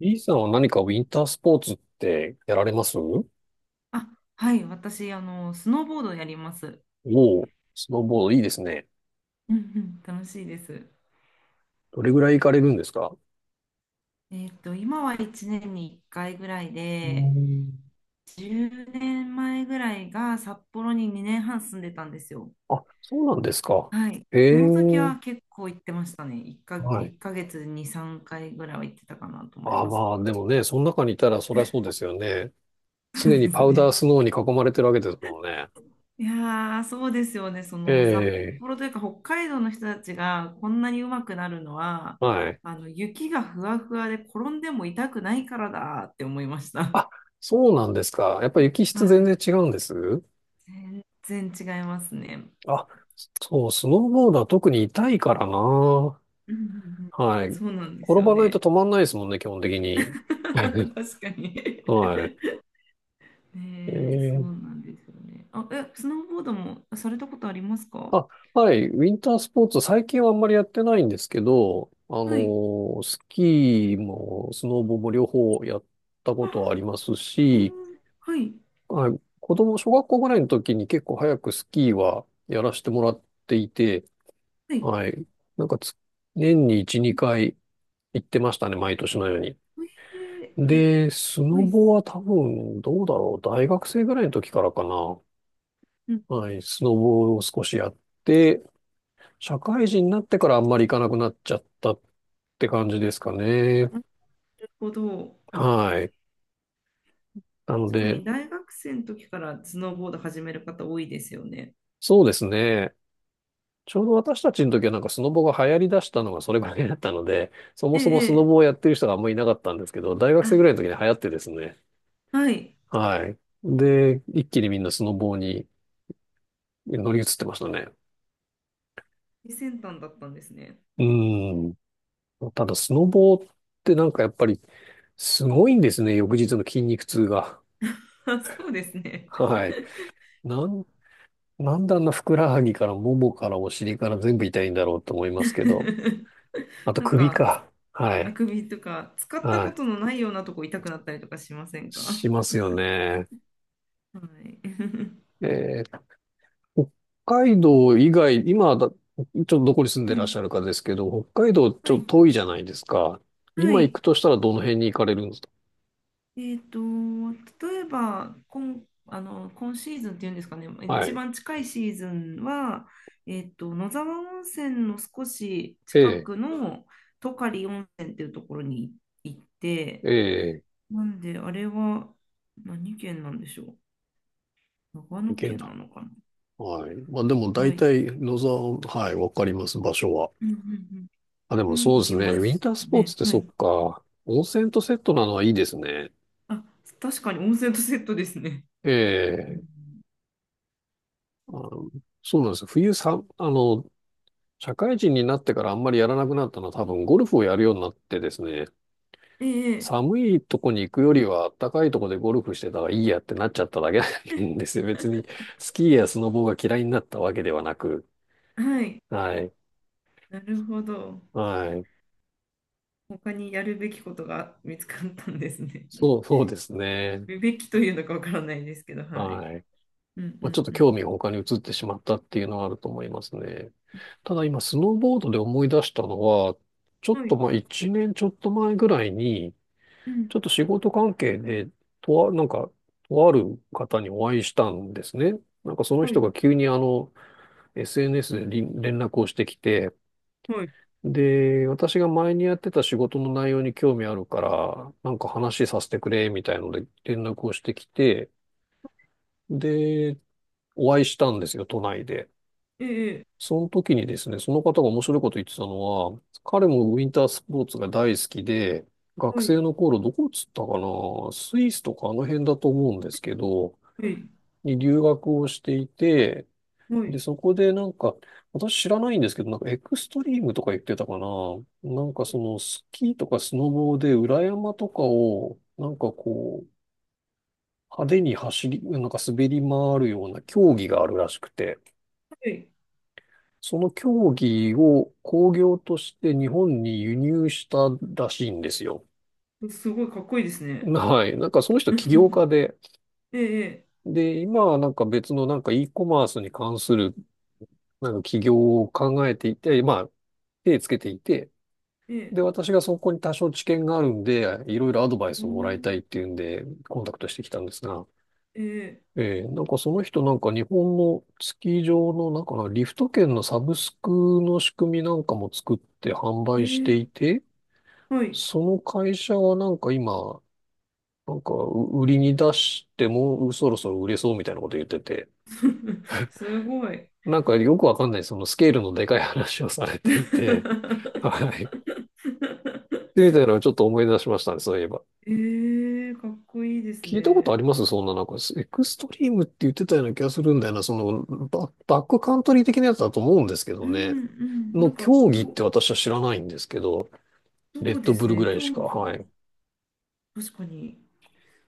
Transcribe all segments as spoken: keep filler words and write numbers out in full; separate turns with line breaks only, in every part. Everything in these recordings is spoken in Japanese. E さんは何かウィンタースポーツってやられますお。
あ、はい、私、あの、スノーボードやります。
おう、スノーボードいいですね。
うんうん、楽しいです。
どれぐらい行かれるんですか？
えっと、今はいちねんにいっかいぐらい
うー
で、
ん。
じゅうねんまえぐらいが札幌ににねんはん住んでたんですよ。
あ、そうなんですか。
はい。
へ
その時
え、
は結構行ってましたね。1か、
はい。
いっかげつにさんかいぐらいは行ってたかなと思い
あ、
ます。
まあ、でもね、その中にいたらそりゃそうですよね。
そう
常に
で
パ
す
ウダ
ね。
ースノーに囲まれてるわけですもんね。
いやー、そうですよね。そ
え
の札
え、
幌というか北海道の人たちがこんなに上手くなるのは、
はい。
あの雪がふわふわで転んでも痛くないからだって思いました。
あ、そうなんですか。やっぱり雪 質
は
全
い。
然違うんです？
全然違いますね。
あ、そう、スノーボードは特に痛いからな。
うんうんうん。
はい。
そうなんです
転
よ
ばないと
ね。
止まんないですもんね、基本的に。
確かに。
はい。え
ねえ、そう
ー、
なんですよね。あ、え、スノーボードもされたことありますか？
あ、はい。ウィンタースポーツ、最近はあんまりやってないんですけど、あの
はい。
ースキーもスノボも両方やったことはあ
あ、
ります
う
し、
ん、はい。
はい。子供、小学校ぐらいの時に結構早くスキーはやらせてもらっていて、
はい。
はい。なんかつ、年にいち、にかい行ってましたね、毎年のように。
えーえ、
で、スノ
はい。
ボは多分、どうだろう。大学生ぐらいの時からかな。
うん。
はい、スノボを少しやって、社会人になってからあんまり行かなくなっちゃったって感じですかね。
なるほど。
はい。なの
確か
で、
に大学生の時からスノーボード始める方多いですよね。
そうですね。ちょうど私たちの時はなんかスノボが流行り出したのがそれぐらいだったので、そも
え
そも
え、
スノ
え
ボ
え、
をやってる人があんまりいなかったんですけど、大学生
あ、
ぐらいの時に流行ってですね。
はい。
はい。で、一気にみんなスノボに乗り移ってましたね。
最先端だったんですね。
うん。ただ、スノボってなんかやっぱりすごいんですね。翌日の筋肉痛が。
あ、そうですね。
はい。なん、なんであんなふくらはぎからももからお尻から全部痛いんだろうと思いますけど。あと
なん
首
か、
か。は
あ
い。
くびとか、使った
は
こ
い。
とのないようなとこ痛くなったりとかしませんか？
しますよね。
はい。
えー北海道以外、今だ、ちょっとどこに住ん
う
でらっし
ん、
ゃるかですけど、北海道ち
は
ょ
い。
っと遠いじゃないですか。
は
今行
い。
くとしたらどの辺に行かれるんですか？
えっと、例えば今、あの今シーズンっていうんですかね、
は
一
い。
番近いシーズンは、えっと、野沢温泉の少し
え
近
え、
くのトカリ温泉っていうところに行って、
ええ、
なんで、あれは何県なんでしょう。長
行
野
けん
県
だ。
なのか
はい。まあでも
な。は
大
い。
体野沢、はい、わかります、場所は。
うんうん
あ、で
う
も
ん。に
そう
行
です
き
ね。
ま
ウ
し
ィンター
た
スポーツ
ね。
って
は
そっ
い。
か。温泉とセットなのはいいですね。
あ、確かに温泉とセットですね。う
ええ、
ん、
あの、そうなんですよ。冬さ、あの、社会人になってからあんまりやらなくなったのは多分ゴルフをやるようになってですね。
ええ、
寒いとこに行くよりは暖かいとこでゴルフしてたらいいやってなっちゃっただけなんですよ。別にスキーやスノボーが嫌いになったわけではなく。
はい。
はい。
なるほど。
はい。
他にやるべきことが見つかったんですね。
そう、そうですね。
やるべきというのかわからないですけど、はい。
はい。
う
まあ、ちょっ
ん
と
うん
興味が他に移ってしまったっていうのはあると思いますね。ただ今、スノーボードで思い出したのは、ちょ
うん。
っ
は
と
い。
まあいちねんちょっと前ぐらいに、
うん。
ちょっと仕事関係で、とあ、なんか、とある方にお会いしたんですね。なんかその
は
人
い。
が急にあの、エスエヌエス でり連絡をしてきて、
はい。
で、私が前にやってた仕事の内容に興味あるから、なんか話させてくれ、みたいので連絡をしてきて、で、お会いしたんですよ、都内で。
ええ。ええ、
その時にですね、その方が面白いこと言ってたのは、彼もウィンタースポーツが大好きで、学
はい。
生の頃どこっつったかな、スイスとかあの辺だと思うんですけど、
はい。
に留学をしていて、
は
で、
い。
そこでなんか、私知らないんですけど、なんかエクストリームとか言ってたかな。なんかそのスキーとかスノボーで裏山とかを、なんかこう、派手に走り、なんか滑り回るような競技があるらしくて。
は
その競技を興行として日本に輸入したらしいんですよ。
い、すごいかっこいいです ね。
はい。なんかその人起 業家で、
ええ。
で、今はなんか別のなんか e コマースに関するなんか起業を考えていて、まあ手つけていて、
ええ。
で、
ええ、
私がそこに多少知見があるんで、いろいろアドバイ
お
スをもらいた
ー、
いっていうんで、コンタクトしてきたんですが、
ええ。
えーなんかその人なんか日本のスキー場のなんかなリフト券のサブスクの仕組みなんかも作って販
え
売して
え。
いて、
はい。
その会社はなんか今、なんかう売りに出してもうそろそろ売れそうみたいなこと言ってて、
すごい。
なんかよくわかんないそのスケールのでかい話をされていて、はい。でみたいなのをちょっと思い出しましたね、そういえば。
ええ、かっこいいです
聞いたことあり
ね。
ますそんななんか、エクストリームって言ってたような気がするんだよな、そのバ、バックカントリー的なやつだと思うんですけ
う
どね。
んうん。な
の
んか、
競技って
こ
私は知らないんですけど、
う
レ
そ
ッ
う
ド
で
ブ
す
ルぐ
ね。
らい
競
しか、
技
はい。
も確かに。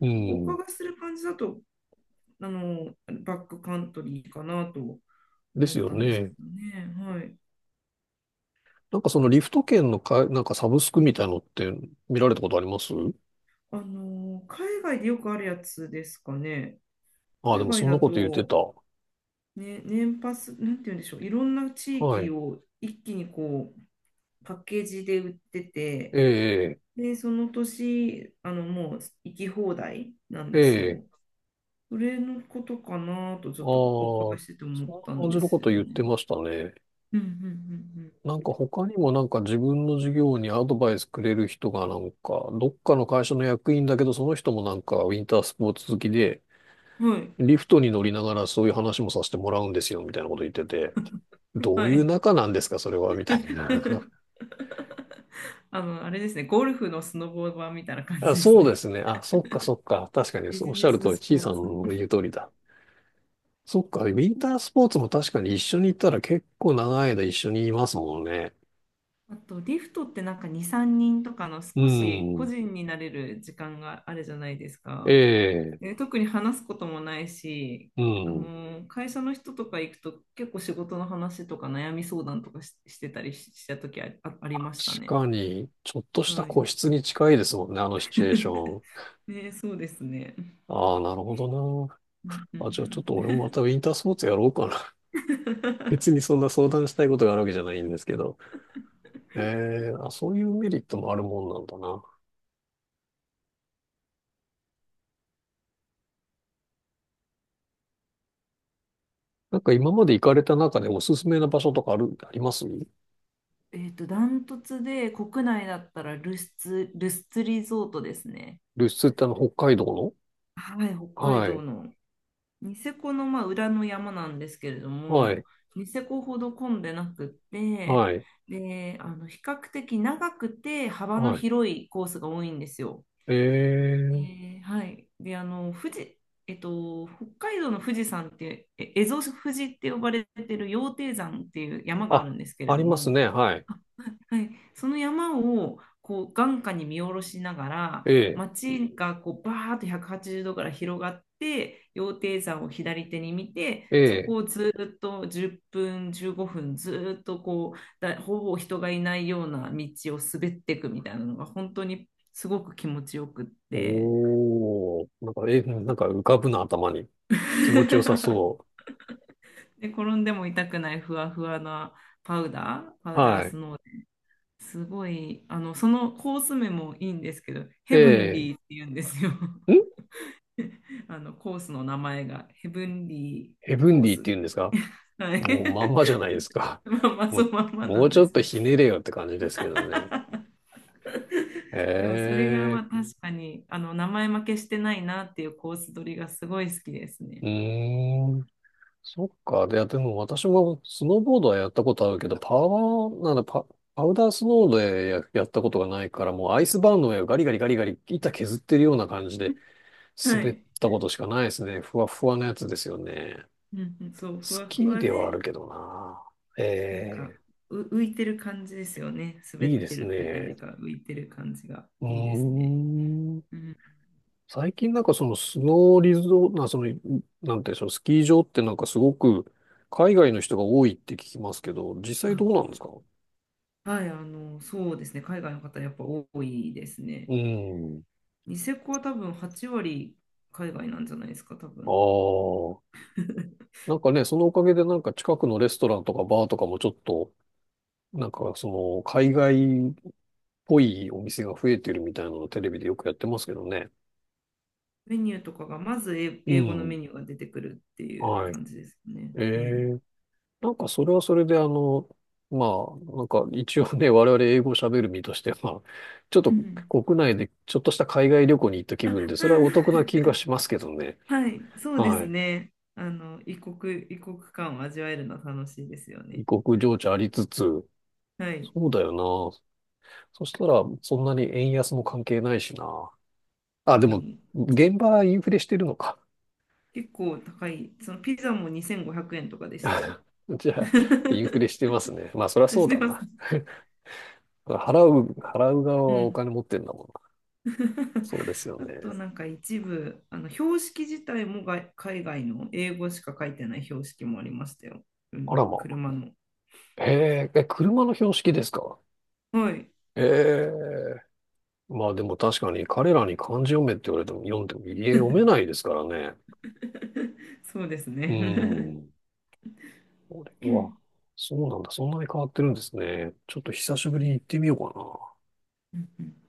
う
お
ん。
伺いする感じだと、あの、バックカントリーかなと
で
思っ
すよ
たんですけ
ね。
どね。はい。
なんかそのリフト券のか、なんかサブスクみたいのって見られたことあります？
あの、海外でよくあるやつですかね。
ああ、で
海
も
外
そん
だ
なこと言って
と、
た。
ね、年パス、なんて言うんでしょう。いろんな地
は
域
い。
を一気にこう、パッケージで売ってて、
ええ、
で、その年、あの、もう行き放題なん
え
です
え、
よ。それのことかなと、ち
あ
ょ
あ、
っとお伺い
そ
してて思
ん
っ
な
たん
感
で
じの
す
こと
よ
言っ
ね。
てましたね。
うんうん
なんか他にもなんか自分の事業にアドバイスくれる人がなんか、どっかの会社の役員だけど、その人もなんかウィンタースポーツ好きで、
うんうん。はい。
リフトに乗りながらそういう話もさせてもらうんですよ、みたいなこと言ってて、どう
は
いう
い。
仲なんですか、それは、みたい な。
あの、あれですね、ゴルフのスノボ版みたいな感じ
あ、
です
そうで
ね。
すね。あ、そっかそっか。確か に、
ビ
そうおっ
ジ
し
ネ
ゃる通
ス
り、
ス
ちい
ポ
さ
ー
ん
ツ。
の言う通りだ。そっか、ウィンタースポーツも確かに一緒に行ったら結構長い間一緒にいますもんね。
あと、リフトってなんかに、さんにんとかの
う
少し個
ん。
人になれる時間があるじゃないです
え
か。
え、
で特に話すこともないし、
う
あ
ん。
の、会社の人とか行くと結構仕事の話とか悩み相談とかし、してたりしした時あ、あ、ありま
確
したね。
かに、ちょっとした
はい。
個室に近いですもんね、あのシチュエーション。
ね、そうですね。
ああ、なるほどな。
うんう
あ、じゃあちょっ
ん
と
う
俺もまたウィンタースポーツやろうかな。
ん
別に そんな相談したいことがあるわけじゃないんですけど。ええ、あ、そういうメリットもあるもんなんだな。なんか今まで行かれた中でおすすめな場所とかある、あります？
えっと、ダントツで国内だったらルスツ、ルスツリゾートですね。
ルスってあの、北海道の、
はい、北海
は
道
い。
のニセコのまあ裏の山なんですけれど
は
も、
い。
ニセコほど混んでなくって、
はい。
で、あの比較的長くて幅の
はい。
広いコースが多いんですよ。え
ええ、
ー、はい。で、あの、富士、えっと、北海道の富士山って、え蝦夷富士って呼ばれてる羊蹄山っていう山があ
あ、
るんですけれ
あ
ど
ります
も、
ね。はい。
はい、その山をこう眼下に見下ろしながら
え
街がこうバーッとひゃくはちじゅうどから広がって、羊蹄山を左手に見て、
え
そ
ええ、
こをずーっとじゅっぷんじゅうごふんずーっとこうだほぼ人がいないような道を滑っていくみたいなのが本当にすごく気持ちよくって。
おー。なんか、え、なんか浮かぶな、頭に。気持ちよ さそ
で転んでも痛くないふわふわなパウダーパ
う。
ウ
は
ダース
い。
ノーすごい、あの、そのコース名もいいんですけど、ヘブン
え
リーって言うんですよ。
えん
あの、コースの名前が、ヘブンリ
ヘ
ー
ブン
コー
ディって
スっ
言うんで
て。
すか？
はい。
もうまんまじゃないですか。
まあま あ、
も
そ
う、
のまんま
も
な
う
ん
ち
で
ょっ
す
と
よ。
ひねれよって感じですけどね。
でも、それがま
ええ
あ確かに、あの、名前負けしてないなっていうコース取りがすごい好きです
う
ね。
ーん。そっか。で、でも私もスノーボードはやったことあるけど、パワー、なんだ、パ、パウダースノーでや、やったことがないから、もうアイスバーンの上をガリガリガリガリ板削ってるような感じで
は
滑っ
い。
たことしかないですね。ふわふわなやつですよね。
うんうん、そう、ふ
ス
わ
キ
ふ
ー
わ
ではある
で、
けどな。え
なんか、
え、
う浮いてる感じですよね。滑
いい
っ
で
て
す
るというよ
ね。
りか、浮いてる感じが
う
いいです
ー
ね。
ん。
うん。
最近なんかそのスノーリゾート、な、その、なんていうんでしょう、スキー場ってなんかすごく海外の人が多いって聞きますけど、実際どうな
あ、
んですか？
はい、あの、そうですね、海外の方やっぱ多いですね。
うん。
ニセコは多分はち割海外なんじゃないですか、多
あ
分。
あ。なんかね、そのおかげでなんか近くのレストランとかバーとかもちょっと、なんかその海外っぽいお店が増えてるみたいなのをテレビでよくやってますけどね。
メニューとかが、まず英
う
英語のメ
ん。
ニューが出てくるっていう
はい。
感じですね。
え
うん。
えなんかそれはそれであの、まあ、なんか一応ね、我々英語喋る身としては、ちょっと
うん。
国内でちょっとした海外旅行に行った気分で、
う
それはお得な
ん、
気がしますけどね。
はい、そうで
は
す
い。
ね。あの、異国、異国感を味わえるのは楽しいですよ
異
ね。
国情緒ありつつ、
はい。
そうだよな。そしたら、そんなに円安も関係ないしな。あ、
本
で
当
も、
に
現場はインフレしてるのか。
結構高い、そのピザもにせんごひゃくえんとかでしたね。
じゃあ、イン フレしてますね。まあ、そりゃそ
し
う
て
だ
ま
な。
す。
払う、払う側
う
はお
ん。
金持ってんだもんな。そうですよ
あと
ね。
なんか一部、あの標識自体もが海外の英語しか書いてない標識もありましたよ。う
あ
ん、
らま
車の。
あ。へえ、え、車の標識ですか？
はい。
ええ。まあでも確かに彼らに漢字読めって言われても読んでも家読めないですからね。
そうです
う
ね。
ん。これ
う
は、
ん
そうなんだ。そんなに変わってるんですね。ちょっと久しぶりに行ってみようかな。
うんうん